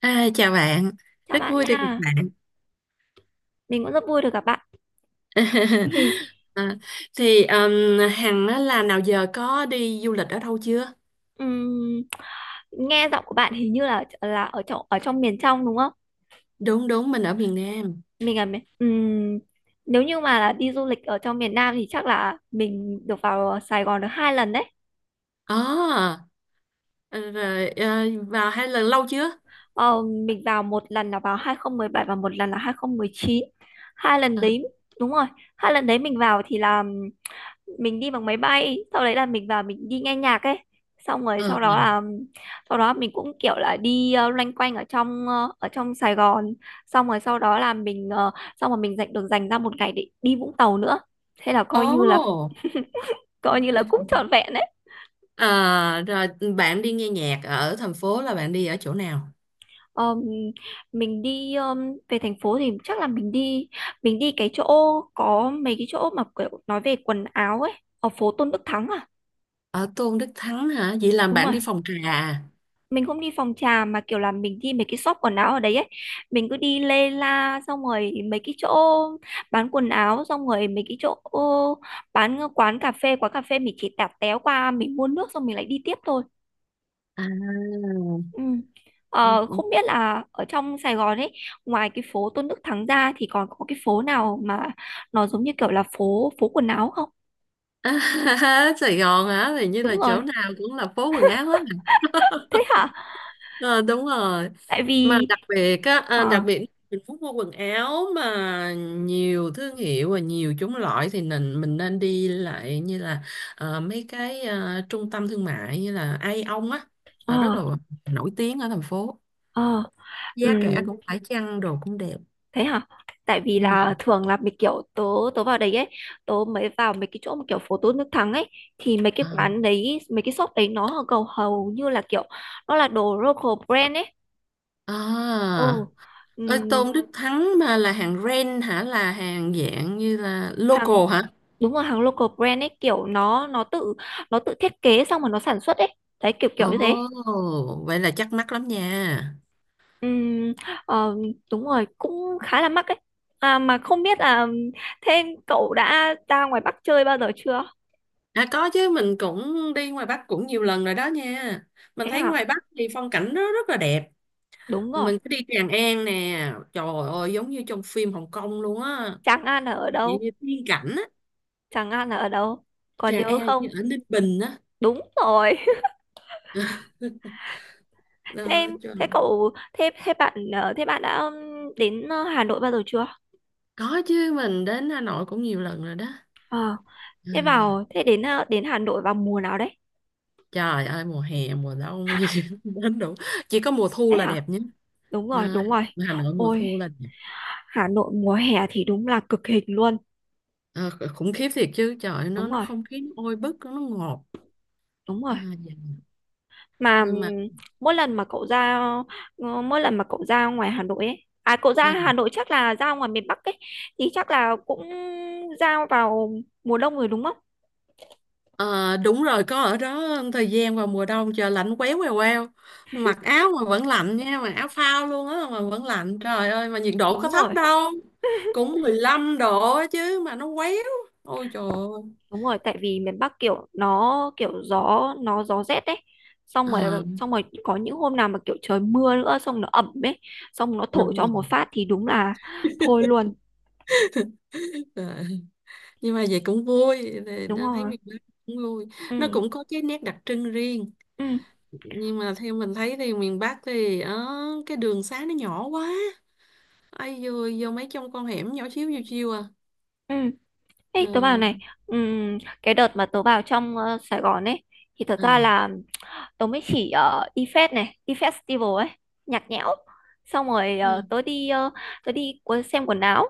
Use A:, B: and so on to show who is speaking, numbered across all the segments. A: À, chào bạn,
B: Chào
A: rất
B: bạn
A: vui được gặp
B: nha,
A: bạn.
B: mình cũng rất vui được gặp bạn.
A: À, thì Hằng á, là nào giờ có đi du lịch ở đâu chưa?
B: ừm, nghe giọng của bạn hình như là ở trong miền trong, đúng không?
A: Đúng đúng mình ở miền Nam.
B: Mình là miền- ừm, Nếu như mà là đi du lịch ở trong miền Nam thì chắc là mình được vào Sài Gòn được hai lần đấy.
A: Ồ, ờ, rồi vào hai lần lâu chưa?
B: Ờ, mình vào một lần là vào 2017 và một lần là 2019. Hai lần
A: À,
B: đấy, đúng rồi, hai lần đấy mình vào thì là mình đi bằng máy bay, sau đấy là mình vào mình đi nghe nhạc ấy, xong rồi
A: ờ.
B: sau đó mình cũng kiểu là đi loanh quanh ở trong ở trong Sài Gòn, xong rồi sau đó là xong rồi mình dành ra một ngày để đi Vũng Tàu nữa, thế là coi như là
A: Ồ,
B: coi như là cũng trọn vẹn đấy.
A: à, rồi bạn đi nghe nhạc ở thành phố là bạn đi ở chỗ nào?
B: Ờm, mình đi về thành phố thì chắc là mình đi cái chỗ, có mấy cái chỗ mà kiểu nói về quần áo ấy, ở phố Tôn Đức Thắng à.
A: Ở Tôn Đức Thắng hả? Vậy là
B: Đúng
A: bạn
B: rồi,
A: đi phòng trà à?
B: mình không đi phòng trà mà kiểu là mình đi mấy cái shop quần áo ở đấy ấy, mình cứ đi lê la xong rồi mấy cái chỗ bán quần áo, xong rồi mấy cái chỗ bán quán cà phê. Quán cà phê mình chỉ tạt téo qua, mình mua nước xong mình lại đi tiếp thôi.
A: À.
B: Ừ. Ờ, không biết là ở trong Sài Gòn ấy, ngoài cái phố Tôn Đức Thắng ra thì còn có cái phố nào mà nó giống như kiểu là phố phố quần áo không?
A: Sài Gòn hả? Thì như
B: Đúng
A: là
B: rồi.
A: chỗ nào cũng là phố quần áo hết.
B: Thế hả?
A: Ờ, đúng rồi,
B: Tại
A: mà
B: vì
A: đặc
B: ờ
A: biệt mình muốn mua quần áo mà nhiều thương hiệu và nhiều chủng loại thì mình nên đi lại, như là mấy cái trung tâm thương mại như là Aeon á, là rất
B: ờ
A: là nổi tiếng ở thành phố,
B: ờ ừ.
A: giá cả cũng phải chăng, đồ cũng đẹp.
B: Thế hả? Tại vì
A: Ừ.
B: là thường là mấy kiểu tớ tớ vào đấy ấy, tớ mới vào mấy cái chỗ mà kiểu phố tô nước thắng ấy, thì mấy cái
A: À.
B: quán đấy, mấy cái shop đấy nó hầu hầu như là kiểu nó là đồ local brand ấy.
A: À.
B: Ừ.
A: Ơi,
B: ừm,
A: Tôn Đức Thắng mà là hàng ren hả, là hàng dạng như là
B: hàng
A: local hả?
B: đúng rồi, hàng local brand ấy, kiểu nó tự thiết kế xong rồi nó sản xuất ấy, đấy kiểu kiểu như thế.
A: Ồ, vậy là chắc mắc lắm nha.
B: Ừm, ờ, Đúng rồi, cũng khá là mắc ấy. À, mà không biết là, thế cậu đã ra ngoài Bắc chơi bao giờ chưa?
A: À, có chứ, mình cũng đi ngoài Bắc cũng nhiều lần rồi đó nha. Mình
B: Thế
A: thấy
B: hả?
A: ngoài Bắc thì phong cảnh nó rất là đẹp.
B: Đúng rồi.
A: Mình cứ đi Tràng An nè. Trời ơi, giống như trong phim Hồng Kông luôn á.
B: Tràng An là ở
A: Vậy
B: đâu?
A: như tiên cảnh á.
B: Tràng An là ở đâu? Còn
A: Tràng
B: nhớ
A: An như
B: không?
A: ở Ninh Bình á.
B: Đúng rồi. Thế
A: Ờ,
B: em,
A: trời.
B: thế cậu, thế thế bạn, Thế bạn đã đến Hà Nội bao giờ chưa?
A: Có chứ, mình đến Hà Nội cũng nhiều lần rồi đó.
B: Ờ, thế
A: Ừ.
B: vào, thế đến ờ, đến Hà Nội vào mùa nào đấy?
A: Trời ơi, mùa hè mùa đông gì đến đủ. Chỉ có mùa thu
B: Đấy
A: là
B: hả?
A: đẹp nhé.
B: Đúng
A: Đó,
B: rồi, đúng rồi.
A: Hà Nội mùa
B: Ôi,
A: thu là đẹp.
B: Hà Nội mùa hè thì đúng là cực hình luôn.
A: Ờ, khủng khiếp thiệt chứ, trời nó
B: Đúng
A: nó
B: rồi,
A: không khí nó ôi bức nó ngọt.
B: đúng
A: À,
B: rồi.
A: dạ,
B: Mà
A: nhưng mà
B: mỗi lần mà cậu ra mỗi lần mà cậu ra ngoài Hà Nội ấy, à cậu ra
A: À,
B: Hà Nội chắc là ra ngoài miền Bắc ấy, thì chắc là cũng ra vào mùa đông rồi đúng không?
A: ờ, đúng rồi, có ở đó thời gian vào mùa đông trời lạnh quéo quèo quèo, mặc áo mà vẫn lạnh nha, mà áo phao luôn á mà vẫn lạnh, trời ơi mà nhiệt độ
B: đúng
A: có thấp
B: rồi
A: đâu, cũng 15 độ á chứ mà nó quéo. Ôi trời ơi.
B: đúng rồi tại vì miền Bắc kiểu nó kiểu gió rét đấy, xong rồi
A: Ờ,
B: xong rồi có những hôm nào mà kiểu trời mưa nữa xong nó ẩm ấy, xong nó
A: đúng
B: thổi cho
A: rồi.
B: một phát thì đúng là thôi luôn.
A: Ờ, nhưng mà vậy cũng vui, thì
B: Đúng
A: nó thấy
B: rồi.
A: miền Bắc cũng vui, nó
B: Ừ.
A: cũng có cái nét đặc trưng riêng.
B: ừ
A: Nhưng mà theo mình thấy thì miền Bắc thì cái đường xá nó nhỏ quá, ai vừa vô mấy trong con hẻm nhỏ xíu xíu chiêu à.
B: ừ
A: Ờ,
B: Ê, tớ bảo này, cái đợt mà tớ vào trong Sài Gòn ấy, thì thật ra
A: à,
B: là tớ mới chỉ ở IFES này, IFES Festival ấy, nhạc nhẽo. Xong rồi xem quần áo,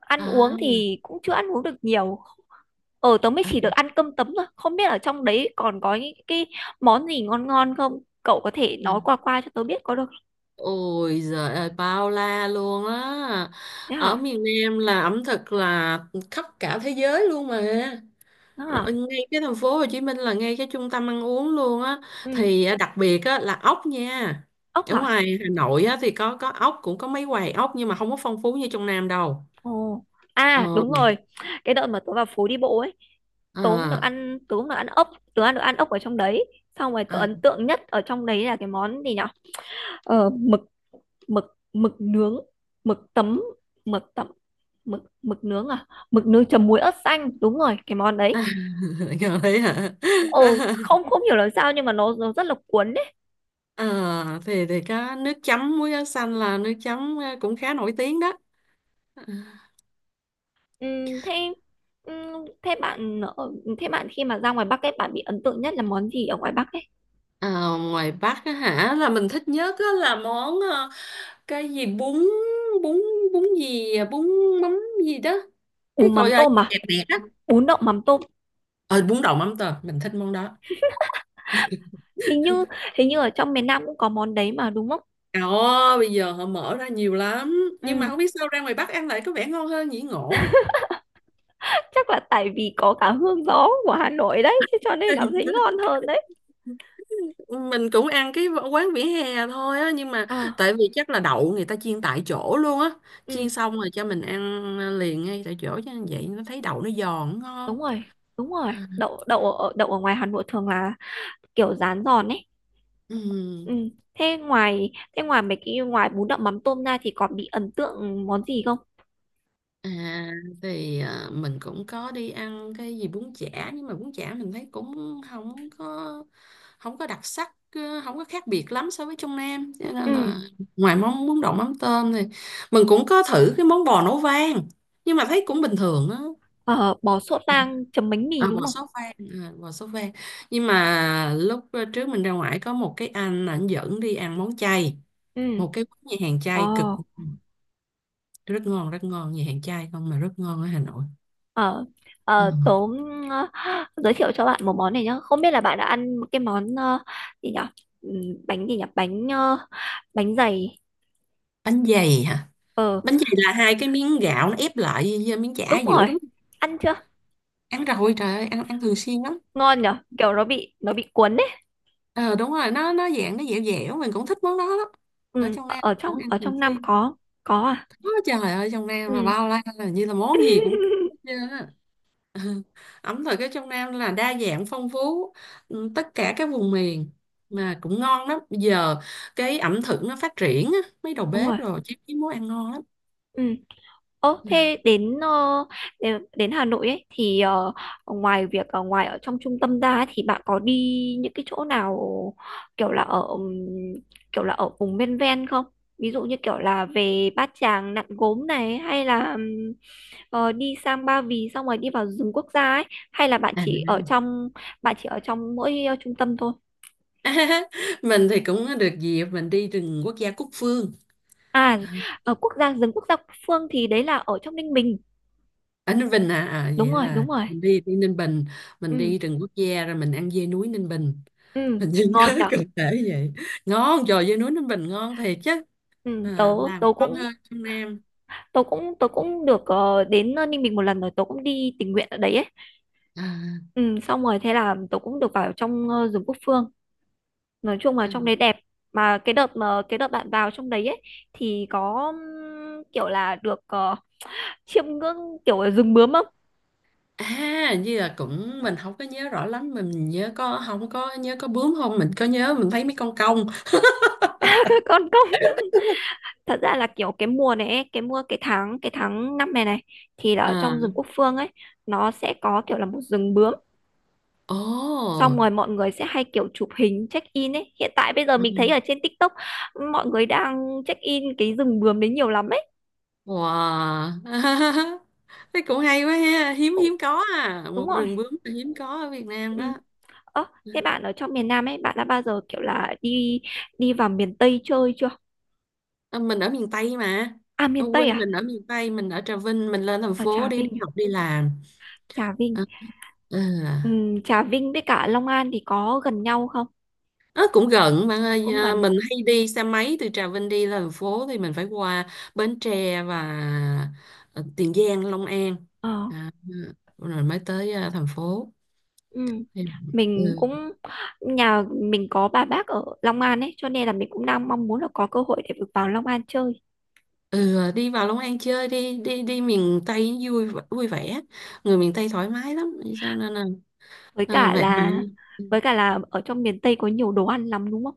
B: ăn uống
A: à,
B: thì cũng chưa ăn uống được nhiều. Ờ, tớ mới
A: à,
B: chỉ được ăn cơm tấm thôi, không biết ở trong đấy còn có những cái món gì ngon ngon không? Cậu có thể
A: à.
B: nói qua qua cho tớ biết có được không?
A: Ôi giời ơi, bao la luôn á,
B: Thế
A: ở
B: hả?
A: miền Nam là ẩm thực là khắp cả thế giới luôn mà.
B: Đó hả?
A: Ở ngay cái thành phố Hồ Chí Minh là ngay cái trung tâm ăn uống luôn á,
B: Ừ,
A: thì à, đặc biệt á là ốc nha.
B: ốc
A: Ở
B: hả?
A: ngoài Hà Nội á thì có ốc, cũng có mấy quầy ốc, nhưng mà không có phong phú như trong Nam đâu.
B: Ồ, à
A: Ờ,
B: đúng rồi, cái đợt mà tớ vào phố đi bộ ấy,
A: à,
B: tớ cũng được ăn ốc, tớ ăn được ăn ốc ở trong đấy, xong rồi tớ
A: à.
B: ấn tượng nhất ở trong đấy là cái món gì nhở? Ờ, mực mực mực nướng, mực tấm mực tấm mực nướng, à mực nướng chấm muối ớt xanh, đúng rồi cái món
A: À.
B: đấy.
A: Thấy hả.
B: Ồ, không không hiểu làm sao nhưng mà nó rất là cuốn đấy.
A: Ờ, thì có nước chấm muối áo xanh, là nước chấm cũng khá nổi tiếng đó.
B: Thế thế bạn ở- Thế bạn khi mà ra ngoài Bắc ấy, bạn bị ấn tượng nhất là món gì ở ngoài Bắc ấy?
A: Ờ, ngoài Bắc á hả, là mình thích nhất á là món cái gì bún bún bún gì, à, bún mắm gì đó, cái
B: Bún
A: gọi
B: mắm
A: là
B: tôm
A: gì
B: à?
A: đẹp đẹp đó,
B: Bún đậu mắm tôm.
A: ờ bún đậu mắm tôm, mình thích món đó.
B: Hình như hình như ở trong miền Nam cũng có món đấy mà đúng không?
A: Ồ, bây giờ họ mở ra nhiều lắm, nhưng mà
B: Ừ.
A: không biết sao ra ngoài Bắc ăn lại có vẻ ngon hơn nhỉ, ngộ.
B: Chắc là tại vì có cả hương gió của Hà Nội đấy, thế cho nên là thấy ngon hơn đấy.
A: Mình cũng ăn cái quán vỉa hè thôi á, nhưng mà
B: À.
A: tại vì chắc là đậu người ta chiên tại chỗ luôn á,
B: Ừ.
A: chiên xong rồi cho mình ăn liền ngay tại chỗ cho vậy nó thấy đậu nó giòn ngon.
B: đúng rồi đúng rồi, đậu đậu ở ngoài Hà Nội thường là kiểu rán giòn ấy.
A: Ừ.
B: Ừ. thế ngoài Thế ngoài mấy cái ngoài bún đậu mắm tôm ra thì còn bị ấn tượng món gì không?
A: À, thì à, mình cũng có đi ăn cái gì bún chả, nhưng mà bún chả mình thấy cũng không có đặc sắc, không có khác biệt lắm so với trong Nam, cho nên là
B: Ừ.
A: ngoài món bún đậu mắm tôm thì mình cũng có thử cái món bò nấu vang, nhưng mà thấy cũng bình thường á.
B: Ờ, bò sốt lang chấm bánh
A: À,
B: mì đúng không?
A: bò sốt vang, nhưng mà lúc trước mình ra ngoài có một cái anh ảnh dẫn đi ăn món chay,
B: Ừ.
A: một cái quán nhà hàng
B: ờ
A: chay cực, ừ, rất ngon rất ngon, nhà hàng chay không mà rất ngon ở Hà Nội.
B: ờ
A: Ừ.
B: tớ, ờ, giới thiệu cho bạn một món này nhá, không biết là bạn đã ăn cái món gì nhỉ? Ừ, bánh gì nhỉ? Bánh dày.
A: Bánh dày hả?
B: Ờ,
A: Bánh dày là hai cái miếng gạo nó ép lại với miếng chả ở
B: đúng
A: giữa
B: rồi.
A: đúng không?
B: Ăn chưa?
A: Ăn rồi, trời ơi, ăn ăn thường xuyên lắm.
B: Ngon nhở, kiểu nó bị cuốn đấy.
A: Ờ, đúng rồi, nó dạng nó dẻo dẻo, mình cũng thích món đó lắm. Ở
B: Ừ,
A: trong
B: ở
A: Nam cũng ăn
B: ở
A: thường
B: trong Nam
A: xuyên.
B: có. Có à?
A: Ôi, trời ơi, trong Nam
B: Ừ.
A: mà bao la, là như là món gì cũng có hết trơn á. Ẩm thực ở trong Nam là đa dạng phong phú, ừ, tất cả các vùng miền, mà cũng ngon lắm. Bây giờ cái ẩm thực nó phát triển á, mấy đầu
B: Đúng rồi.
A: bếp rồi chứ, cái món ăn ngon lắm.
B: Ừ. Ồ, thế đến Hà Nội ấy thì ngoài việc ở trong trung tâm ra ấy, thì bạn có đi những cái chỗ nào kiểu là ở ừm, kiểu là ở vùng ven ven không? Ví dụ như kiểu là về Bát Tràng, Nặn Gốm này hay là đi sang Ba Vì xong rồi đi vào rừng quốc gia ấy, hay là
A: À,
B: bạn chỉ ở trong mỗi trung tâm thôi?
A: mình thì cũng được dịp mình đi rừng quốc gia Cúc Phương.
B: À, ở quốc gia rừng quốc gia Quốc Phương thì đấy là ở trong Ninh Bình.
A: Ở Ninh Bình à, à
B: Đúng
A: vậy
B: rồi,
A: là
B: đúng rồi.
A: mình đi đi Ninh Bình, mình
B: Ừ.
A: đi rừng quốc gia, rồi mình ăn dê núi Ninh Bình,
B: Ừ.
A: mình chỉ
B: Ngon
A: nhớ
B: nhở.
A: cụ thể vậy. Ngon, trời, dê núi Ninh Bình ngon thiệt chứ,
B: Ừ, tớ
A: à, làm
B: tớ
A: ngon
B: cũng
A: hơn trong Nam.
B: tớ cũng tớ cũng được đến Ninh Bình một lần rồi, tớ cũng đi tình nguyện ở đấy ấy. Ừ, xong rồi thế là tớ cũng được vào trong rừng quốc phương, nói chung là
A: À.
B: trong đấy đẹp. Mà cái đợt bạn vào trong đấy ấy, thì có kiểu là được chiêm ngưỡng kiểu ở rừng bướm không?
A: À, hình như là cũng mình không có nhớ rõ lắm, mà mình nhớ có không có nhớ có bướm không, mình có nhớ mình thấy mấy con cong
B: Các con không? Thật ra là kiểu cái mùa này ấy, cái tháng năm này này, thì là ở
A: à.
B: trong rừng quốc phương ấy, nó sẽ có kiểu là một rừng bướm,
A: Ồ,
B: xong rồi mọi người sẽ hay kiểu chụp hình check in ấy. Hiện tại bây giờ
A: ừ,
B: mình thấy ở trên TikTok mọi người đang check in cái rừng bướm đấy nhiều lắm ấy.
A: wow. Thế cũng hay quá ha, hiếm
B: Cũng
A: hiếm có à,
B: đúng
A: một
B: rồi.
A: rừng bướm là hiếm có ở Việt Nam
B: Ừ.
A: đó.
B: Ơ, thế bạn ở trong miền Nam ấy, bạn đã bao giờ kiểu là đi đi vào miền Tây chơi chưa?
A: À, mình ở miền Tây mà,
B: À,
A: ở
B: miền
A: quê
B: Tây à?
A: mình ở miền Tây, mình ở Trà Vinh, mình lên thành
B: Ở
A: phố
B: Trà
A: để đi
B: Vinh à?
A: học đi làm.
B: Trà Vinh.
A: À,
B: Ừ,
A: à.
B: Trà Vinh với cả Long An thì có gần nhau không?
A: Ờ, cũng gần bạn ơi
B: Cũng
A: à,
B: gần.
A: mình hay đi xe máy từ Trà Vinh đi lên thành phố thì mình phải qua Bến Tre và Tiền Giang, Long An,
B: Ờ.
A: à, rồi mới tới à, thành phố.
B: Ừ.
A: Thì- ừ.
B: Mình cũng Nhà mình có bà bác ở Long An ấy, cho nên là mình cũng đang mong muốn là có cơ hội để được vào Long An chơi.
A: Ừ, đi vào Long An chơi đi, đi đi miền Tây vui, vui vẻ, người miền Tây thoải mái lắm, cho nên là
B: Với cả
A: bạn bạn
B: là
A: ừ.
B: với cả là ở trong miền Tây có nhiều đồ ăn lắm đúng không?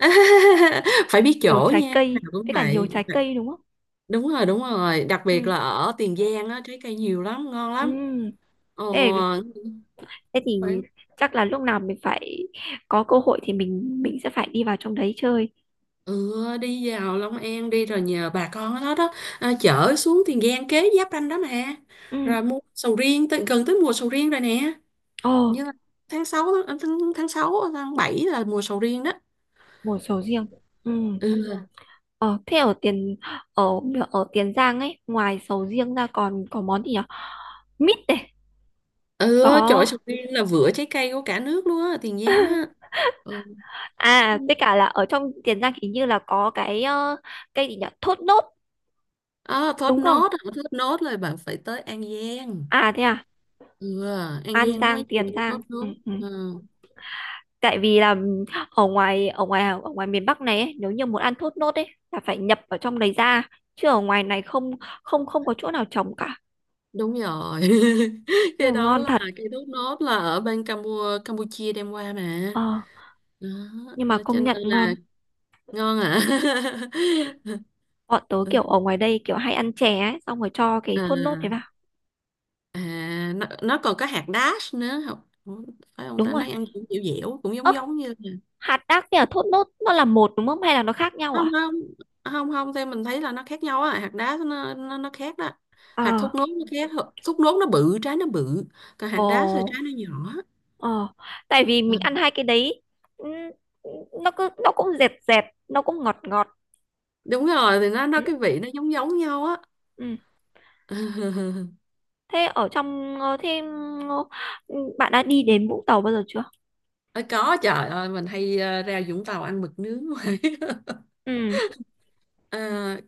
A: Phải biết
B: Nhiều
A: chỗ
B: trái
A: nha, nào
B: cây,
A: cũng
B: với cả nhiều
A: vậy,
B: trái cây đúng không?
A: đúng rồi, đúng rồi, đặc biệt
B: Ừ.
A: là ở Tiền Giang á trái cây nhiều lắm, ngon
B: Ừ.
A: lắm.
B: Thế, thế
A: Ồ,
B: thì chắc là lúc nào mình phải có cơ hội thì mình sẽ phải đi vào trong đấy chơi.
A: ừ, đi vào Long An đi, rồi nhờ bà con ở đó đó, à, chở xuống Tiền Giang kế giáp ranh đó mà,
B: Ừ.
A: rồi mua sầu riêng tới, gần tới mùa sầu riêng rồi nè,
B: Ồ,
A: như là tháng 6 tháng, tháng 6 tháng 7 là mùa sầu riêng đó.
B: mùa sầu riêng. Ừ.
A: Ừ.
B: Ờ, thế ở Tiền ở ở Tiền Giang ấy, ngoài sầu riêng ra còn có món gì nhỉ? Mít này,
A: Ừ, trời ơi,
B: có
A: sầu riêng là vựa trái cây của cả nước luôn á, Tiền Giang á. Ừ.
B: à, tất cả là ở trong Tiền Giang hình như là có cái cây gì nhỉ? Thốt nốt
A: À,
B: đúng không?
A: thốt nốt là bạn phải tới An Giang,
B: À thế à,
A: ừ, An
B: An
A: Giang nó
B: Giang,
A: mới chịu
B: Tiền Giang.
A: thốt
B: Ừ,
A: nốt.
B: ừ.
A: Ừ.
B: Tại vì là ừ, ở ngoài miền Bắc này ấy, nếu như muốn ăn thốt nốt ấy là phải nhập ở trong đấy ra, chứ ở ngoài này không không không có chỗ nào trồng cả.
A: Đúng rồi.
B: Nhưng
A: Cái
B: mà
A: đó
B: ngon
A: là
B: thật.
A: cái thốt nốt là ở bên Campuchia đem qua mà,
B: Ờ,
A: đó,
B: nhưng mà
A: cho
B: công
A: nên
B: nhận
A: là
B: ngon,
A: ngon à.
B: bọn tớ kiểu ở ngoài đây kiểu hay ăn chè ấy xong rồi cho cái thốt nốt đấy vào.
A: À, à nó còn có hạt đác nữa không? Ủa, phải không
B: Đúng
A: ta, nó
B: rồi.
A: ăn cũng dẻo dẻo cũng
B: Ơ,
A: giống giống như.
B: hạt đác với cả thốt nốt nó là một đúng không hay là nó khác nhau
A: Không,
B: à?
A: không, không, không, theo mình thấy là nó khác nhau á, hạt đác nó khác đó, hạt
B: Ờ.
A: thốt nốt nó khác, thốt nốt nó bự trái nó bự, còn hạt
B: Ồ.
A: đác thì trái nó nhỏ.
B: Ờ, tại vì
A: Ờ,
B: mình ăn hai cái đấy, ừ, nó cứ nó cũng dẹt dẹt nó cũng ngọt ngọt.
A: đúng rồi, thì nó
B: Ừ,
A: cái vị nó giống giống nhau á.
B: ừ. Thế ở trong ờ, thế ừ, bạn đã đi đến Vũng Tàu bao giờ chưa?
A: Ờ, có, trời ơi mình hay ra Vũng Tàu ăn mực nướng hoài.
B: Ừ.
A: Ờ,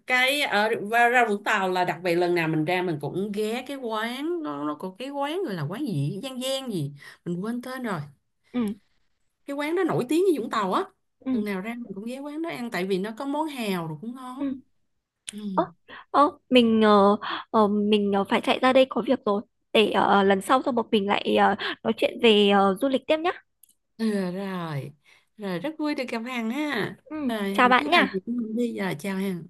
A: cái ở và ra Vũng Tàu là đặc biệt, lần nào mình ra mình cũng ghé cái quán, nó có cái quán gọi là quán gì Giang Giang gì, mình quên tên rồi,
B: Ừ.
A: cái quán đó nổi tiếng như Vũng Tàu á,
B: Ừ.
A: lần nào ra mình cũng ghé quán đó ăn tại vì nó có món hào rồi cũng ngon.
B: Ừ.
A: Ừ.
B: Ơ, ơ, mình phải chạy ra đây có việc rồi. Để lần sau xong một mình lại nói chuyện về du lịch tiếp nhá.
A: Ừ, ờ, rồi, rồi rất vui được gặp Hằng ha,
B: Ừ,
A: rồi
B: chào
A: Hằng cứ
B: bạn
A: làm
B: nhá.
A: việc của mình đi, giờ chào Hằng.